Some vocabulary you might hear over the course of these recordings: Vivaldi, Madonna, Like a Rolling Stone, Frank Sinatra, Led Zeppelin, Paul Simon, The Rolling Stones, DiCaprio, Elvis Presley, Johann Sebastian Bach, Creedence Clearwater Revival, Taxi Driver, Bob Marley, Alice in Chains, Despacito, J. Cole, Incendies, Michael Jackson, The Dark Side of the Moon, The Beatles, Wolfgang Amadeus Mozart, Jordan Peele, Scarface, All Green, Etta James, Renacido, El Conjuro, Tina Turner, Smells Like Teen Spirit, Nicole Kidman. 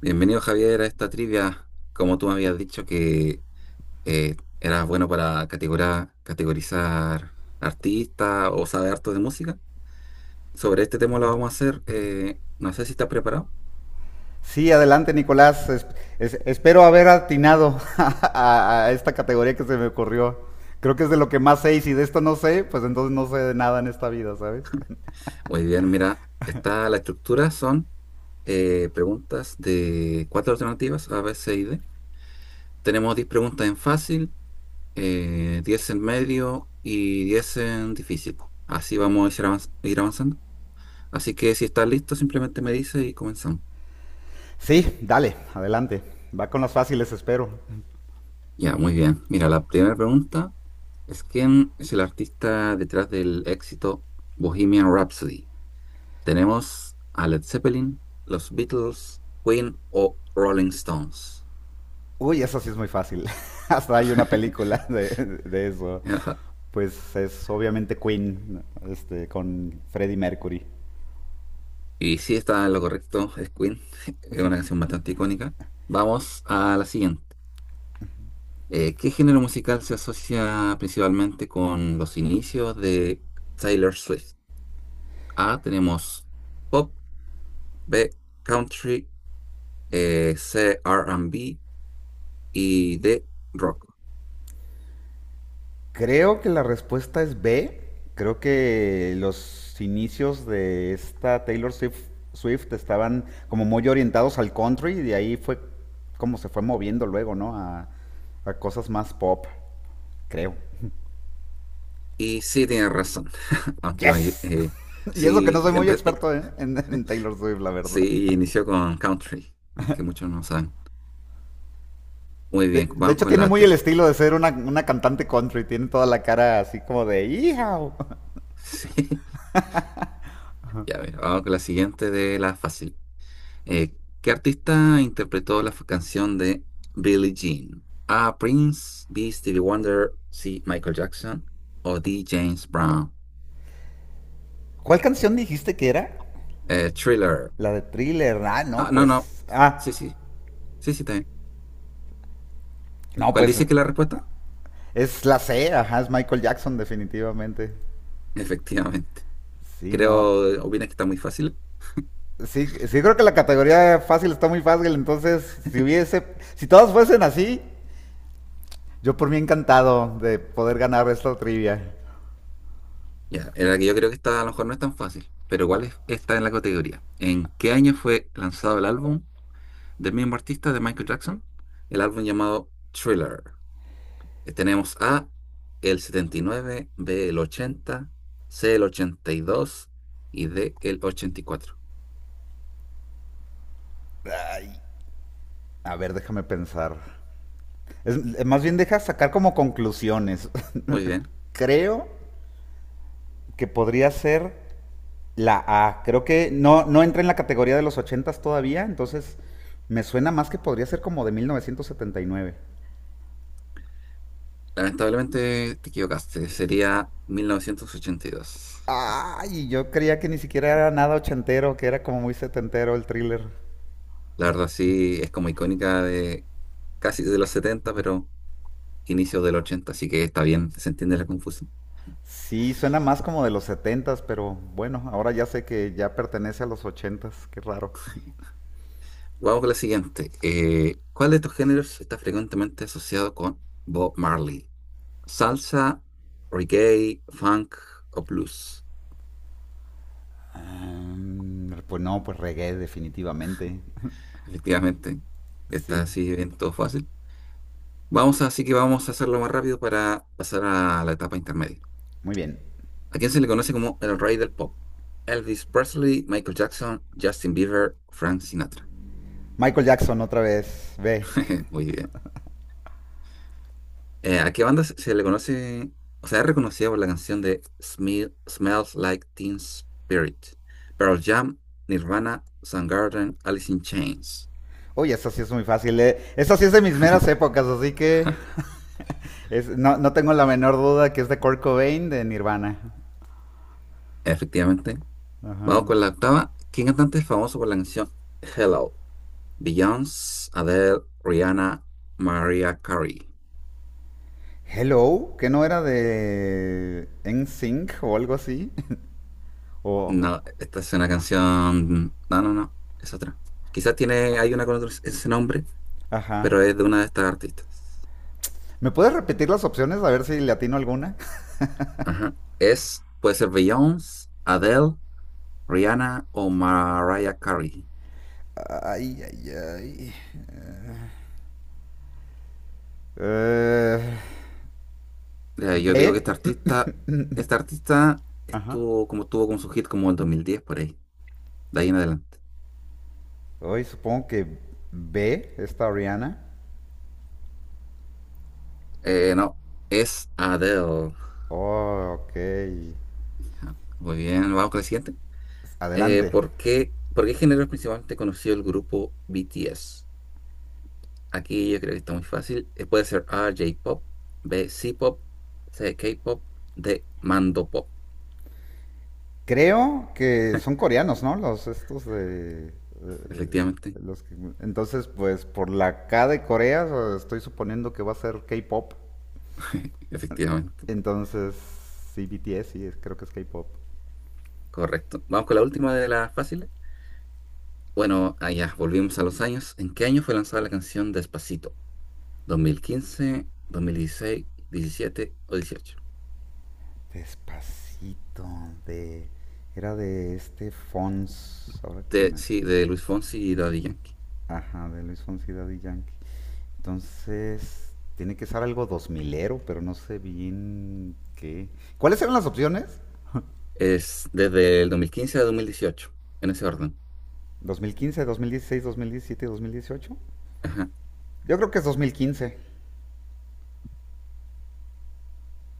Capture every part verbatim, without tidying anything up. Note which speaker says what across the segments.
Speaker 1: Bienvenido, Javier, a esta trivia. Como tú me habías dicho que eh, eras bueno para categora- categorizar artistas o saber harto de música, sobre este tema lo vamos a hacer. Eh, no sé si estás preparado.
Speaker 2: Sí, adelante, Nicolás. Es- es- espero haber atinado a, a esta categoría que se me ocurrió. Creo que es de lo que más sé, y si de esto no sé, pues entonces no sé de nada en esta vida, ¿sabes?
Speaker 1: Muy bien, mira, está la estructura, son eh, preguntas de cuatro alternativas: A, B, C y D. Tenemos diez preguntas en fácil, eh, diez en medio y diez en difícil. Así vamos a ir avanz- ir avanzando. Así que si estás listo, simplemente me dices y comenzamos.
Speaker 2: Sí, dale, adelante. Va con las fáciles, espero.
Speaker 1: Ya, muy bien. Mira, la primera pregunta es: ¿quién es el artista detrás del éxito Bohemian Rhapsody? ¿Tenemos a Led Zeppelin, los Beatles, Queen o Rolling Stones?
Speaker 2: Uy, eso sí es muy fácil. Hasta hay una película de, de eso.
Speaker 1: Ajá.
Speaker 2: Pues es obviamente Queen, este, con Freddie Mercury.
Speaker 1: Y sí, está en lo correcto, es Queen, es una canción bastante icónica. Vamos a la siguiente. Eh, ¿qué género musical se asocia principalmente con los inicios de Taylor Swift? A, tenemos pop; B, country; eh, C, R B; y D, rock.
Speaker 2: Creo que la respuesta es B. Creo que los inicios de esta Taylor Swift, Swift estaban como muy orientados al country, y de ahí fue como se fue moviendo luego, ¿no? A, a cosas más pop, creo.
Speaker 1: Y sí, tiene razón, aunque la may-
Speaker 2: ¡Yes!
Speaker 1: eh,
Speaker 2: Y eso que
Speaker 1: sí,
Speaker 2: no soy muy
Speaker 1: empe- eh,
Speaker 2: experto en, en- en Taylor Swift, la verdad.
Speaker 1: sí inició con country, aunque muchos no saben. Muy bien,
Speaker 2: De, de
Speaker 1: vamos
Speaker 2: hecho,
Speaker 1: con
Speaker 2: tiene
Speaker 1: la...
Speaker 2: muy el
Speaker 1: ter-
Speaker 2: estilo de ser una, una cantante country. Tiene toda la cara así como de ¡Hijao!
Speaker 1: Sí, ya ver, vamos con la siguiente de la fácil. Eh, ¿Qué artista interpretó la f- canción de Billie Jean? A, Prince; B, Stevie Wonder; C, Michael Jackson; o D, James Brown.
Speaker 2: ¿Cuál canción dijiste que era?
Speaker 1: Eh, Thriller.
Speaker 2: La de Thriller. Ah, no,
Speaker 1: Ah, no, no.
Speaker 2: pues. Ah,
Speaker 1: Sí, sí, sí, sí, también.
Speaker 2: no,
Speaker 1: ¿Cuál
Speaker 2: pues,
Speaker 1: dice que es la respuesta?
Speaker 2: es la C, ajá, es Michael Jackson, definitivamente.
Speaker 1: Efectivamente.
Speaker 2: Sí, no.
Speaker 1: Creo, ¿opinas que está muy fácil?
Speaker 2: Sí, sí, creo que la categoría fácil está muy fácil. Entonces, si hubiese, si todos fuesen así, yo por mí encantado de poder ganar esta trivia.
Speaker 1: Ya, en la que yo creo que esta a lo mejor no es tan fácil, pero
Speaker 2: A,
Speaker 1: ¿cuál es esta en la categoría? ¿En qué año fue lanzado el álbum del mismo artista de Michael Jackson? El álbum llamado Thriller. Eh, Tenemos A, el setenta y nueve; B, el ochenta; C, el ochenta y dos; y dos y D, el ochenta y cuatro.
Speaker 2: a ver, déjame pensar. Es- eh, más bien deja sacar como conclusiones.
Speaker 1: Muy bien.
Speaker 2: Creo que podría ser la A. Creo que no, no entra en la categoría de los ochentas todavía, entonces me suena más que podría ser como de mil novecientos setenta y nueve.
Speaker 1: Lamentablemente te equivocaste. Sería mil novecientos ochenta y dos.
Speaker 2: Ay, yo creía que ni siquiera era nada ochentero, que era como muy setentero el Thriller.
Speaker 1: La verdad sí es como icónica de casi de los setenta, pero inicios del ochenta, así que está bien, se entiende la confusión.
Speaker 2: Sí, suena más como de los setentas, pero bueno, ahora ya sé que ya pertenece a los ochentas, qué raro.
Speaker 1: Vamos con la siguiente. Eh, ¿cuál de estos géneros está frecuentemente asociado con Bob Marley? ¿Salsa, reggae, funk o blues?
Speaker 2: Am, pues no, pues reggae definitivamente.
Speaker 1: Efectivamente, está
Speaker 2: Sí,
Speaker 1: así bien todo fácil. Vamos a- así que vamos a hacerlo más rápido para pasar a la etapa intermedia.
Speaker 2: muy bien.
Speaker 1: ¿A quién se le conoce como el rey del pop? Elvis Presley, Michael Jackson, Justin Bieber, Frank Sinatra.
Speaker 2: Michael Jackson otra vez, ve.
Speaker 1: Muy bien. Eh, ¿a qué banda se, se le conoce? O sea, es reconocida por la canción de Smil- Smells Like Teen Spirit. Pearl Jam, Nirvana, Soundgarden, Alice in Chains.
Speaker 2: Uy, esa sí es muy fácil. eh. Esa sí es de mis meras épocas, así que es- no, no tengo la menor duda que es de Kurt Cobain de Nirvana.
Speaker 1: Efectivamente. Vamos
Speaker 2: Ajá.
Speaker 1: con la octava. ¿Quién cantante es famoso por la canción Hello? Beyoncé, Adele, Rihanna, Mariah Carey.
Speaker 2: Hello, ¿que no era de NSYNC o algo así? O.
Speaker 1: No, esta es una canción. No, no, no. Es otra. Quizás tiene, hay una con otro- ese nombre,
Speaker 2: Ajá.
Speaker 1: pero es de una de estas artistas.
Speaker 2: ¿Me puedes repetir las opciones, a ver si le atino alguna?
Speaker 1: Ajá. Es, puede ser Beyoncé, Adele, Rihanna o Mariah Carey.
Speaker 2: Ay, ay, ay. Eh,
Speaker 1: Eh, yo digo que
Speaker 2: B.
Speaker 1: esta artista, esta artista
Speaker 2: Ajá.
Speaker 1: estuvo como tuvo con su hit como el dos mil diez por ahí, de ahí en adelante.
Speaker 2: Hoy supongo que B, esta Rihanna.
Speaker 1: Eh, no, es Adele.
Speaker 2: Oh, ok.
Speaker 1: Ajá. Muy bien, vamos con el siguiente. Eh,
Speaker 2: Adelante.
Speaker 1: ¿por qué, por qué género es principalmente conocido el grupo B T S? Aquí yo creo que está muy fácil. Eh, puede ser A, J-pop; B, C-pop; C, K-pop; D, Mando pop.
Speaker 2: Creo que son coreanos, ¿no? Los estos de... eh,
Speaker 1: Efectivamente.
Speaker 2: los que- entonces, pues por la K de Corea, eh, estoy suponiendo que va a ser K-pop.
Speaker 1: Efectivamente,
Speaker 2: Entonces, sí, B T S, sí, es- creo que es K-pop.
Speaker 1: correcto. Vamos con la última de las fáciles. Bueno, allá volvimos a los años. ¿En qué año fue lanzada la canción Despacito? ¿dos mil quince, dos mil dieciséis, diecisiete o dieciocho?
Speaker 2: Despacito, de. Era de este Fons, ahora que
Speaker 1: De,
Speaker 2: me.
Speaker 1: sí, de Luis Fonsi y Daddy Yankee.
Speaker 2: Ajá, de Luis Fonsi y Daddy Yankee. Entonces, tiene que ser algo dos milero, pero no sé bien qué. ¿Cuáles eran las opciones?
Speaker 1: Es desde el dos mil quince a dos mil dieciocho, en ese orden.
Speaker 2: Dos dos dos mil mil mil quince, dieciséis, diecisiete, dos mil dieciocho.
Speaker 1: Ajá.
Speaker 2: Yo creo que es dos mil quince.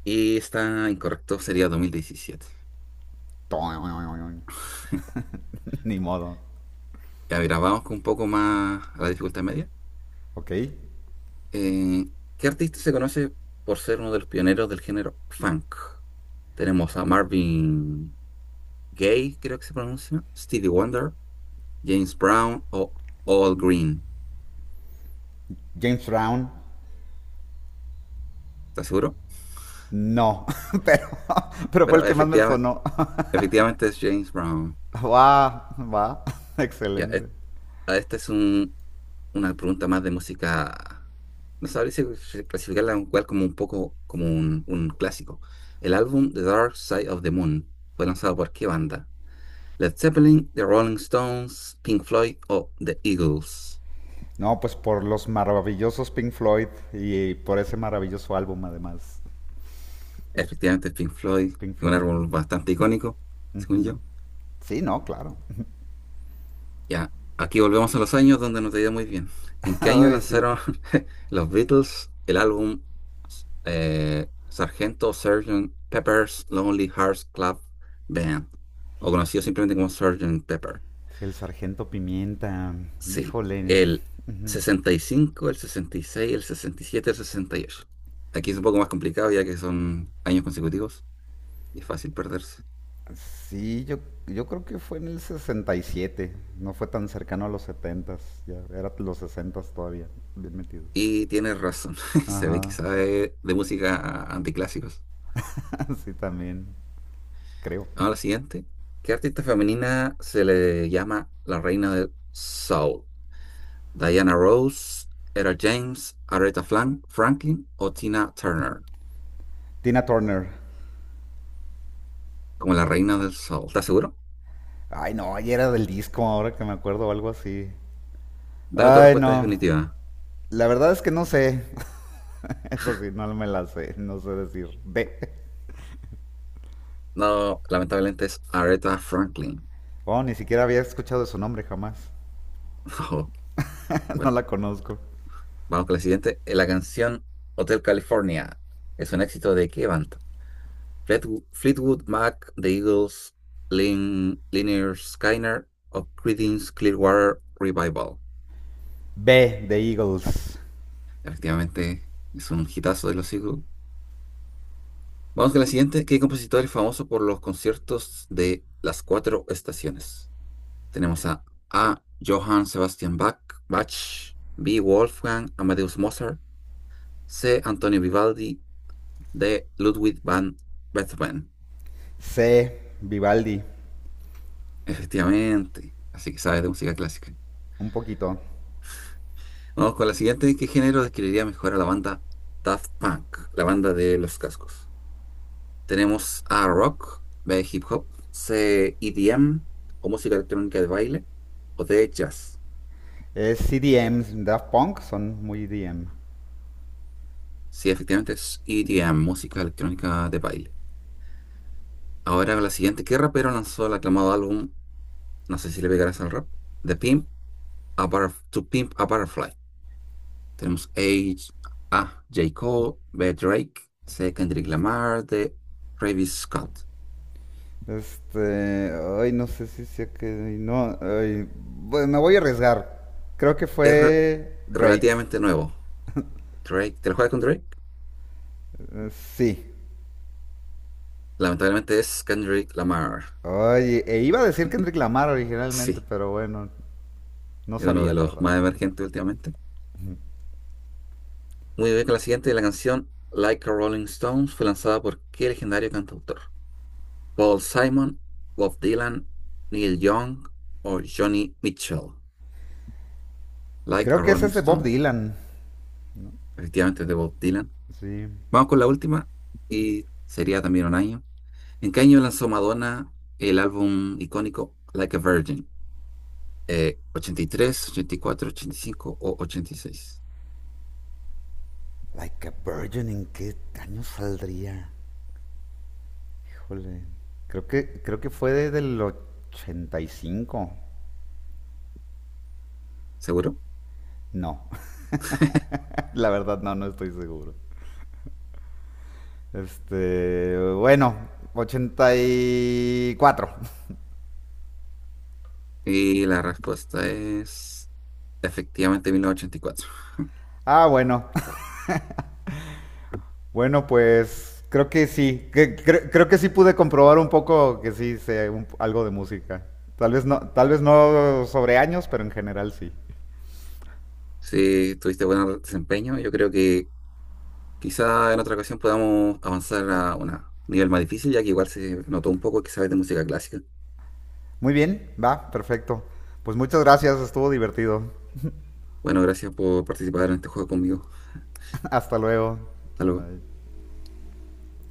Speaker 1: Y está incorrecto, sería dos mil diecisiete.
Speaker 2: Ni modo.
Speaker 1: Ya, mira, vamos con un poco más a la dificultad media.
Speaker 2: Ok.
Speaker 1: Eh, ¿Qué artista se conoce por ser uno de los pioneros del género funk? Tenemos a Marvin Gay, creo que se pronuncia, Stevie Wonder, James Brown o All Green.
Speaker 2: James Brown.
Speaker 1: ¿Estás seguro?
Speaker 2: No, pero, pero fue el
Speaker 1: Pero
Speaker 2: que más me
Speaker 1: efectivamente,
Speaker 2: sonó.
Speaker 1: efectivamente es James Brown.
Speaker 2: Va, va.
Speaker 1: Ya, es-
Speaker 2: Excelente.
Speaker 1: a esta es un- una pregunta más de música. No sabría si si clasificarla en cual como un poco como un, un clásico. El álbum The Dark Side of the Moon, ¿fue lanzado por qué banda? Led Zeppelin, The Rolling Stones, Pink Floyd o The Eagles.
Speaker 2: No, pues por los maravillosos Pink Floyd y por ese maravilloso álbum, además.
Speaker 1: Efectivamente, Pink Floyd,
Speaker 2: Pink
Speaker 1: un
Speaker 2: Floyd, ¿no?
Speaker 1: álbum bastante icónico, según yo.
Speaker 2: Sí, no, claro.
Speaker 1: Ya, aquí volvemos a los años donde no te iba muy bien. ¿En qué año
Speaker 2: Ay, sí.
Speaker 1: lanzaron los Beatles el álbum eh, Sargento Sgt. Pepper's Lonely Hearts Club Band? O conocido simplemente como Sergeant Pepper.
Speaker 2: Sí, el Sargento Pimienta,
Speaker 1: Sí,
Speaker 2: híjole.
Speaker 1: el sesenta y cinco, el sesenta y seis, el sesenta y siete, el sesenta y ocho. Aquí es un poco más complicado, ya que son años consecutivos y es fácil perderse.
Speaker 2: Sí, yo, yo creo que fue en el sesenta y siete. No fue tan cercano a los setentas, ya eran los sesentas todavía, bien metidos.
Speaker 1: Y tienes razón, se ve que
Speaker 2: Ajá,
Speaker 1: sabe de música anticlásicos.
Speaker 2: sí, también, creo.
Speaker 1: Ahora la siguiente. ¿Qué artista femenina se le llama la reina del soul? ¿Diana Rose, Era James, Aretha Flan- Franklin o Tina Turner?
Speaker 2: Tina Turner.
Speaker 1: Como la reina del soul. ¿Estás seguro?
Speaker 2: Ay, no, y era del disco, ahora que me acuerdo, o algo así.
Speaker 1: Dame tu
Speaker 2: Ay,
Speaker 1: respuesta
Speaker 2: no.
Speaker 1: definitiva.
Speaker 2: La verdad es que no sé. Eso sí, no me la sé. No sé decir B.
Speaker 1: No, lamentablemente es Aretha Franklin.
Speaker 2: Oh, ni siquiera había escuchado su nombre jamás.
Speaker 1: Ojo.
Speaker 2: No
Speaker 1: Bueno,
Speaker 2: la conozco.
Speaker 1: vamos con la siguiente. Eh, La canción Hotel California, ¿es un éxito de qué banda? Fleetwood, Fleetwood Mac, The Eagles, Lin, Lynyrd Skynyrd o Creedence Clearwater Revival.
Speaker 2: B, The Eagles.
Speaker 1: Efectivamente, es un hitazo de los siglos. Vamos con la siguiente. ¿Qué compositor es famoso por los conciertos de las cuatro estaciones? Tenemos a A, Johann Sebastian Bach, Bach; B, Wolfgang Amadeus Mozart; C, Antonio Vivaldi; D, Ludwig van Beethoven.
Speaker 2: C, Vivaldi.
Speaker 1: Efectivamente, así que sabes de música clásica.
Speaker 2: Un poquito.
Speaker 1: Vamos con la siguiente. ¿Qué género describiría mejor a la banda Daft Punk, la banda de los cascos? Tenemos a rock, de hip hop; C, E D M o música electrónica de baile; o de jazz.
Speaker 2: Es C D M. Daft Punk son muy E D M.
Speaker 1: Sí, efectivamente es E D M, música electrónica de baile. Ahora la siguiente, ¿qué rapero lanzó el aclamado álbum? No sé si le pegarás al rap. The Pimp, a Butterf- To Pimp a Butterfly. Tenemos A, A, J. Cole; B, Drake; C, Kendrick Lamar; D, Travis Scott.
Speaker 2: Este. Ay, no sé si sé que. No. Ay, bueno, me voy a arriesgar. Creo que
Speaker 1: Es re-
Speaker 2: fue Drake.
Speaker 1: Relativamente nuevo. Drake, ¿te lo juegas con Drake?
Speaker 2: Eh, sí.
Speaker 1: Lamentablemente es Kendrick Lamar.
Speaker 2: Ay, e iba a decir Kendrick Lamar originalmente,
Speaker 1: Sí.
Speaker 2: pero bueno. No
Speaker 1: Es uno de
Speaker 2: sabía, la
Speaker 1: los
Speaker 2: verdad.
Speaker 1: más emergentes últimamente. Muy bien, con la siguiente, la canción Like a Rolling Stones, ¿fue lanzada por qué legendario cantautor? Paul Simon, Bob Dylan, Neil Young o Johnny Mitchell. Like
Speaker 2: Creo
Speaker 1: a
Speaker 2: que ese
Speaker 1: Rolling
Speaker 2: es de Bob
Speaker 1: Stone.
Speaker 2: Dylan.
Speaker 1: Efectivamente es de Bob Dylan.
Speaker 2: Sí.
Speaker 1: Vamos con la última y sería también un año. ¿En qué año lanzó Madonna el álbum icónico Like a Virgin? Eh, ¿ochenta y tres, ochenta y cuatro, ochenta y cinco o ochenta y seis?
Speaker 2: Like a Virgin, ¿en qué año saldría? Híjole. Creo que, creo que fue desde el ochenta y cinco.
Speaker 1: ¿Seguro?
Speaker 2: No, la verdad no, no estoy seguro. Este, bueno, ochenta y cuatro.
Speaker 1: Y la respuesta es: efectivamente, mil novecientos ochenta y cuatro.
Speaker 2: Ah, bueno. Bueno, pues creo que sí. Que- cre- creo que sí pude comprobar un poco que sí sé un- algo de música. Tal vez no, tal vez no sobre años, pero en general sí.
Speaker 1: Sí, tuviste buen desempeño. Yo creo que quizá en otra ocasión podamos avanzar a un nivel más difícil, ya que igual se notó un poco que sabes de música clásica.
Speaker 2: Muy bien, va, perfecto. Pues muchas gracias, estuvo divertido.
Speaker 1: Bueno, gracias por participar en este juego conmigo.
Speaker 2: Hasta luego.
Speaker 1: Hasta luego.